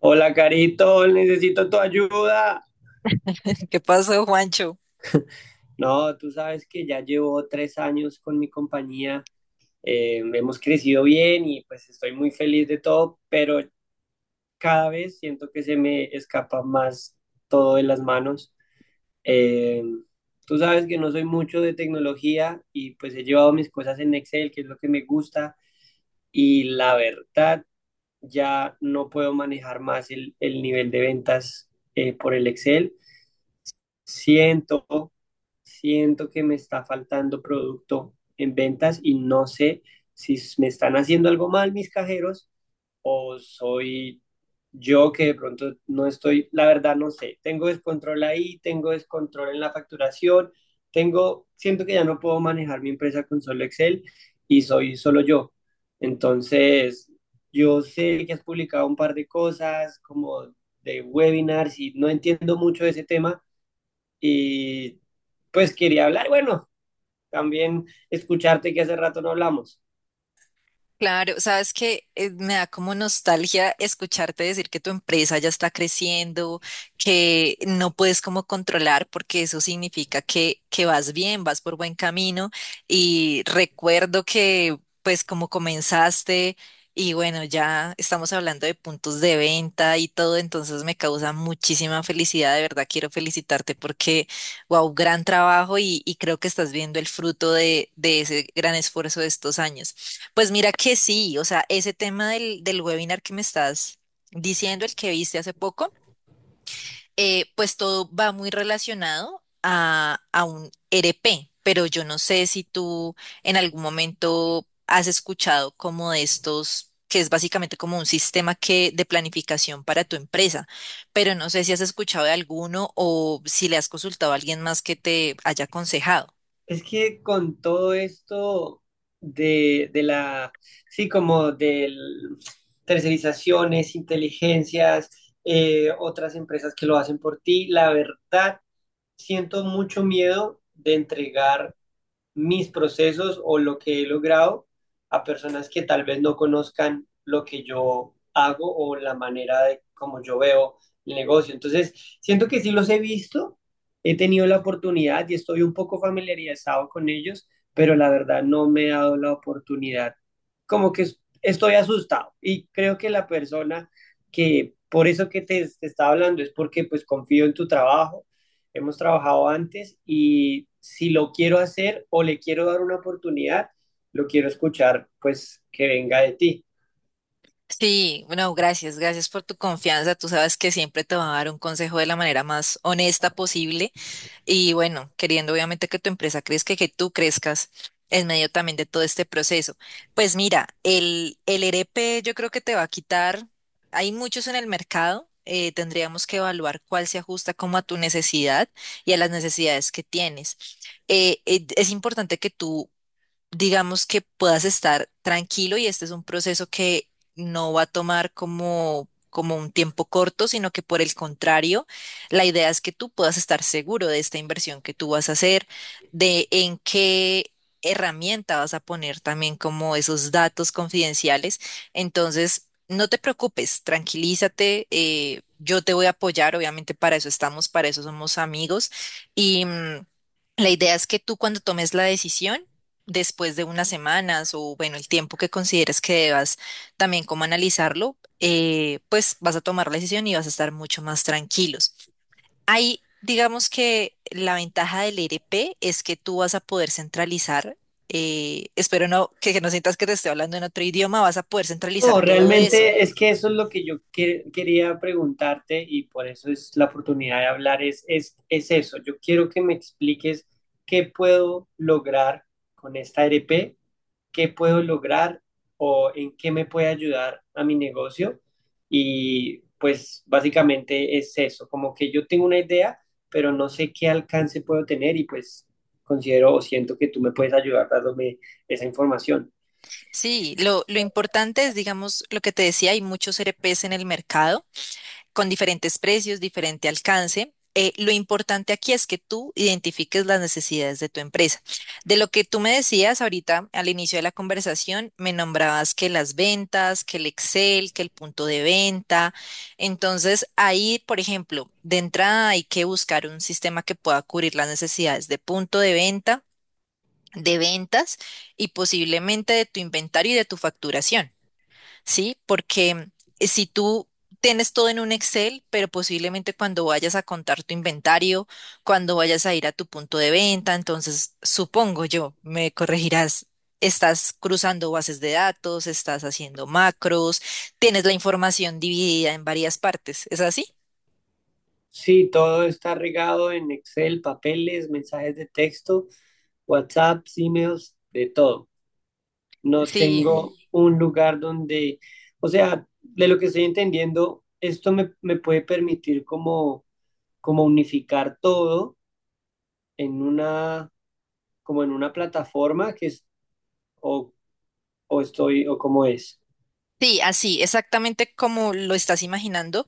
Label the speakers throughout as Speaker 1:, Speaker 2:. Speaker 1: Hola, Carito, necesito tu ayuda.
Speaker 2: ¿Qué pasó, Juancho?
Speaker 1: No, tú sabes que ya llevo tres años con mi compañía. Hemos crecido bien y pues estoy muy feliz de todo, pero cada vez siento que se me escapa más todo de las manos. Eh, Tú sabes que no soy mucho de tecnología y pues he llevado mis cosas en Excel, que es lo que me gusta, y la verdad ya no puedo manejar más el nivel de ventas por el Excel. Siento siento que me está faltando producto en ventas y no sé si me están haciendo algo mal mis cajeros o soy yo que de pronto no estoy, la verdad no sé, tengo descontrol ahí, tengo descontrol en la facturación, tengo, siento que ya no puedo manejar mi empresa con solo Excel y soy solo yo. Entonces, yo sé que has publicado un par de cosas como de webinars y no entiendo mucho de ese tema y pues quería hablar, bueno, también escucharte que hace rato no hablamos.
Speaker 2: Claro, sabes que me da como nostalgia escucharte decir que tu empresa ya está creciendo, que no puedes como controlar, porque eso significa que vas bien, vas por buen camino. Y recuerdo que pues como comenzaste y bueno, ya estamos hablando de puntos de venta y todo, entonces me causa muchísima felicidad, de verdad quiero felicitarte porque, wow, gran trabajo y creo que estás viendo el fruto de ese gran esfuerzo de estos años. Pues mira que sí, o sea, ese tema del webinar que me estás diciendo, el que viste hace poco, pues todo va muy relacionado a un RP, pero yo no sé si tú en algún momento has escuchado como de estos, que es básicamente como un sistema que, de planificación para tu empresa, pero no sé si has escuchado de alguno o si le has consultado a alguien más que te haya aconsejado.
Speaker 1: Es que con todo esto de, de la, sí, como de tercerizaciones, inteligencias, otras empresas que lo hacen por ti, la verdad, siento mucho miedo de entregar mis procesos o lo que he logrado a personas que tal vez no conozcan lo que yo hago o la manera de cómo yo veo el negocio. Entonces, siento que sí los he visto, he tenido la oportunidad y estoy un poco familiarizado con ellos, pero la verdad no me he dado la oportunidad. Como que estoy asustado y creo que la persona que por eso que te estaba hablando es porque pues confío en tu trabajo, hemos trabajado antes y si lo quiero hacer o le quiero dar una oportunidad, lo quiero escuchar, pues que venga de ti.
Speaker 2: Sí, bueno, gracias, gracias por tu confianza. Tú sabes que siempre te va a dar un consejo de la manera más honesta posible y bueno, queriendo obviamente que tu empresa crezca y que tú crezcas en medio también de todo este proceso. Pues mira, el ERP yo creo que te va a quitar, hay muchos en el mercado, tendríamos que evaluar cuál se ajusta como a tu necesidad y a las necesidades que tienes. Es importante que tú digamos que puedas estar tranquilo y este es un proceso que no va a tomar como un tiempo corto, sino que por el contrario, la idea es que tú puedas estar seguro de esta inversión que tú vas a hacer, de en qué herramienta vas a poner también como esos datos confidenciales. Entonces, no te preocupes, tranquilízate. Yo te voy a apoyar, obviamente para eso estamos, para eso somos amigos. Y, la idea es que tú cuando tomes la decisión, después de unas semanas o bueno, el tiempo que consideres que debas también como analizarlo, pues vas a tomar la decisión y vas a estar mucho más tranquilos. Ahí, digamos que la ventaja del ERP es que tú vas a poder centralizar, espero no que no sientas que te estoy hablando en otro idioma, vas a poder centralizar
Speaker 1: No,
Speaker 2: todo eso.
Speaker 1: realmente es que eso es lo que yo quería preguntarte y por eso es la oportunidad de hablar, es eso. Yo quiero que me expliques qué puedo lograr con esta RP, qué puedo lograr o en qué me puede ayudar a mi negocio. Y pues básicamente es eso, como que yo tengo una idea, pero no sé qué alcance puedo tener y pues considero o siento que tú me puedes ayudar dándome esa información.
Speaker 2: Sí, lo importante es, digamos, lo que te decía, hay muchos ERPs en el mercado con diferentes precios, diferente alcance. Lo importante aquí es que tú identifiques las necesidades de tu empresa. De lo que tú me decías ahorita al inicio de la conversación, me nombrabas que las ventas, que el Excel, que el punto de venta. Entonces, ahí, por ejemplo, de entrada hay que buscar un sistema que pueda cubrir las necesidades de punto de venta, de ventas y posiblemente de tu inventario y de tu facturación. ¿Sí? Porque si tú tienes todo en un Excel, pero posiblemente cuando vayas a contar tu inventario, cuando vayas a ir a tu punto de venta, entonces supongo yo, me corregirás. Estás cruzando bases de datos, estás haciendo macros, tienes la información dividida en varias partes. ¿Es así?
Speaker 1: Sí, todo está regado en Excel, papeles, mensajes de texto, WhatsApp, emails, de todo. No
Speaker 2: Sí.
Speaker 1: tengo un lugar donde, o sea, de lo que estoy entendiendo, esto me puede permitir como unificar todo en una, como en una plataforma que es, o, o estoy, o cómo es.
Speaker 2: Sí, así, exactamente como lo estás imaginando.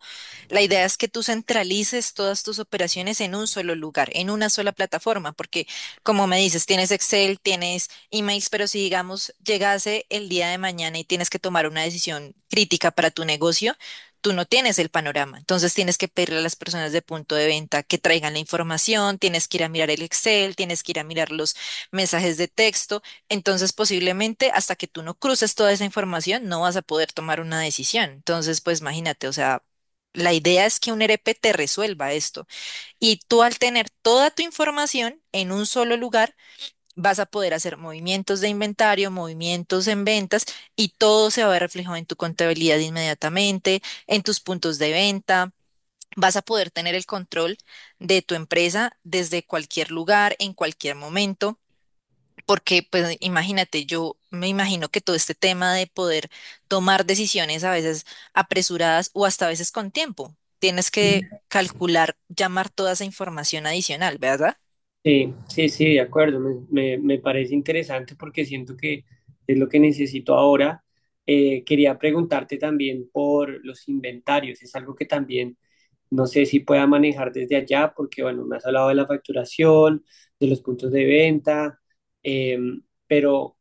Speaker 2: La idea es que tú centralices todas tus operaciones en un solo lugar, en una sola plataforma, porque como me dices, tienes Excel, tienes emails, pero si digamos llegase el día de mañana y tienes que tomar una decisión crítica para tu negocio, tú no tienes el panorama. Entonces tienes que pedirle a las personas de punto de venta que traigan la información, tienes que ir a mirar el Excel, tienes que ir a mirar los mensajes de texto. Entonces, posiblemente hasta que tú no cruces toda esa información, no vas a poder tomar una decisión. Entonces, pues imagínate, o sea, la idea es que un ERP te resuelva esto. Y tú al tener toda tu información en un solo lugar, vas a poder hacer movimientos de inventario, movimientos en ventas y todo se va a ver reflejado en tu contabilidad inmediatamente, en tus puntos de venta. Vas a poder tener el control de tu empresa desde cualquier lugar, en cualquier momento. Porque, pues, imagínate, yo me imagino que todo este tema de poder tomar decisiones a veces apresuradas o hasta a veces con tiempo, tienes que calcular, llamar toda esa información adicional, ¿verdad?
Speaker 1: Sí, sí, sí, de acuerdo. Me parece interesante porque siento que es lo que necesito ahora. Quería preguntarte también por los inventarios. Es algo que también no sé si pueda manejar desde allá porque, bueno, me has hablado de la facturación, de los puntos de venta, eh, pero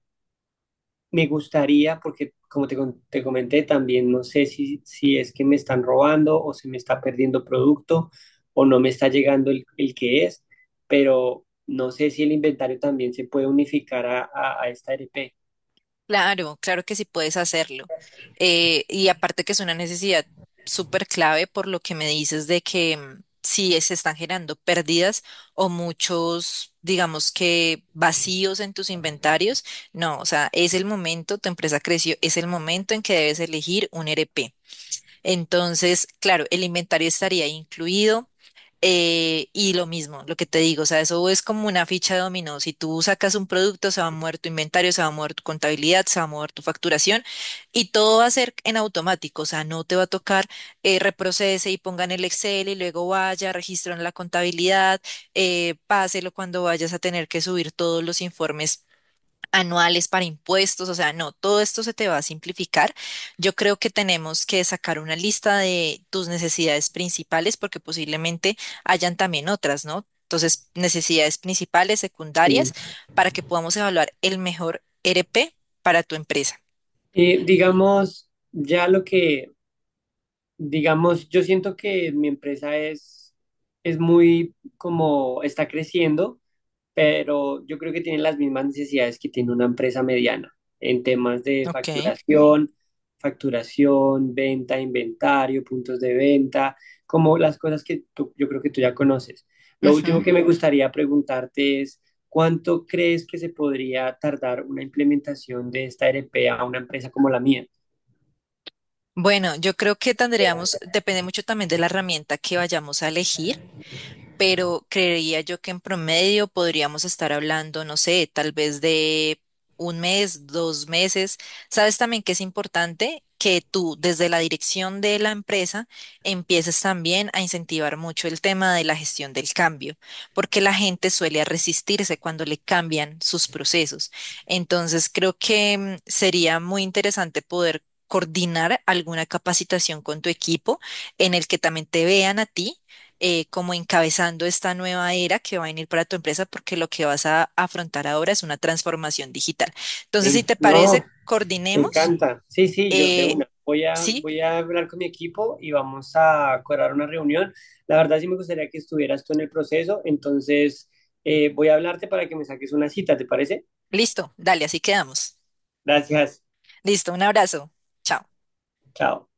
Speaker 1: me gustaría, porque como te comenté, también no sé si, si es que me están robando o se me está perdiendo producto o no me está llegando el que es, pero no sé si el inventario también se puede unificar a esta RP.
Speaker 2: Claro, claro que sí puedes hacerlo. Y aparte que es una necesidad súper clave por lo que me dices de que si se están generando pérdidas o muchos, digamos que vacíos en tus inventarios, no, o sea, es el momento, tu empresa creció, es el momento en que debes elegir un ERP. Entonces, claro, el inventario estaría incluido. Y lo mismo, lo que te digo, o sea, eso es como una ficha de dominó. Si tú sacas un producto, se va a mover tu inventario, se va a mover tu contabilidad, se va a mover tu facturación y todo va a ser en automático, o sea, no te va a tocar reprocese y pongan el Excel y luego vaya, registro en la contabilidad, páselo cuando vayas a tener que subir todos los informes anuales para impuestos, o sea, no, todo esto se te va a simplificar. Yo creo que tenemos que sacar una lista de tus necesidades principales porque posiblemente hayan también otras, ¿no? Entonces, necesidades principales,
Speaker 1: Eh,
Speaker 2: secundarias, para que podamos evaluar el mejor RP para tu empresa.
Speaker 1: digamos, ya lo digamos, yo siento que mi empresa es muy, como está creciendo, pero yo creo que tienen las mismas necesidades que tiene una empresa mediana en temas de
Speaker 2: Ok.
Speaker 1: facturación, venta, inventario, puntos de venta, como las cosas que yo creo que tú ya conoces. Lo último
Speaker 2: Ujú.
Speaker 1: que me gustaría preguntarte es, ¿cuánto crees que se podría tardar una implementación de esta ERP a una empresa como la mía?
Speaker 2: Bueno, yo creo que tendríamos, depende mucho también de la herramienta que vayamos a elegir. Pero creería yo que en promedio podríamos estar hablando, no sé, tal vez de un mes, dos meses. Sabes también que es importante que tú desde la dirección de la empresa empieces también a incentivar mucho el tema de la gestión del cambio, porque la gente suele resistirse cuando le cambian sus procesos. Entonces, creo que sería muy interesante poder coordinar alguna capacitación con tu equipo en el que también te vean a ti como encabezando esta nueva era que va a venir para tu empresa porque lo que vas a afrontar ahora es una transformación digital. Entonces, si te
Speaker 1: No,
Speaker 2: parece,
Speaker 1: Me
Speaker 2: coordinemos.
Speaker 1: encanta. Sí, sí, yo de
Speaker 2: eh,
Speaker 1: una. Voy a,
Speaker 2: sí,
Speaker 1: voy a hablar con mi equipo y vamos a acordar una reunión. La verdad sí me gustaría que estuvieras tú en el proceso, entonces voy a hablarte para que me saques una cita, ¿te parece?
Speaker 2: Listo, dale, así quedamos.
Speaker 1: Gracias.
Speaker 2: Listo, un abrazo. Chao.
Speaker 1: Chao.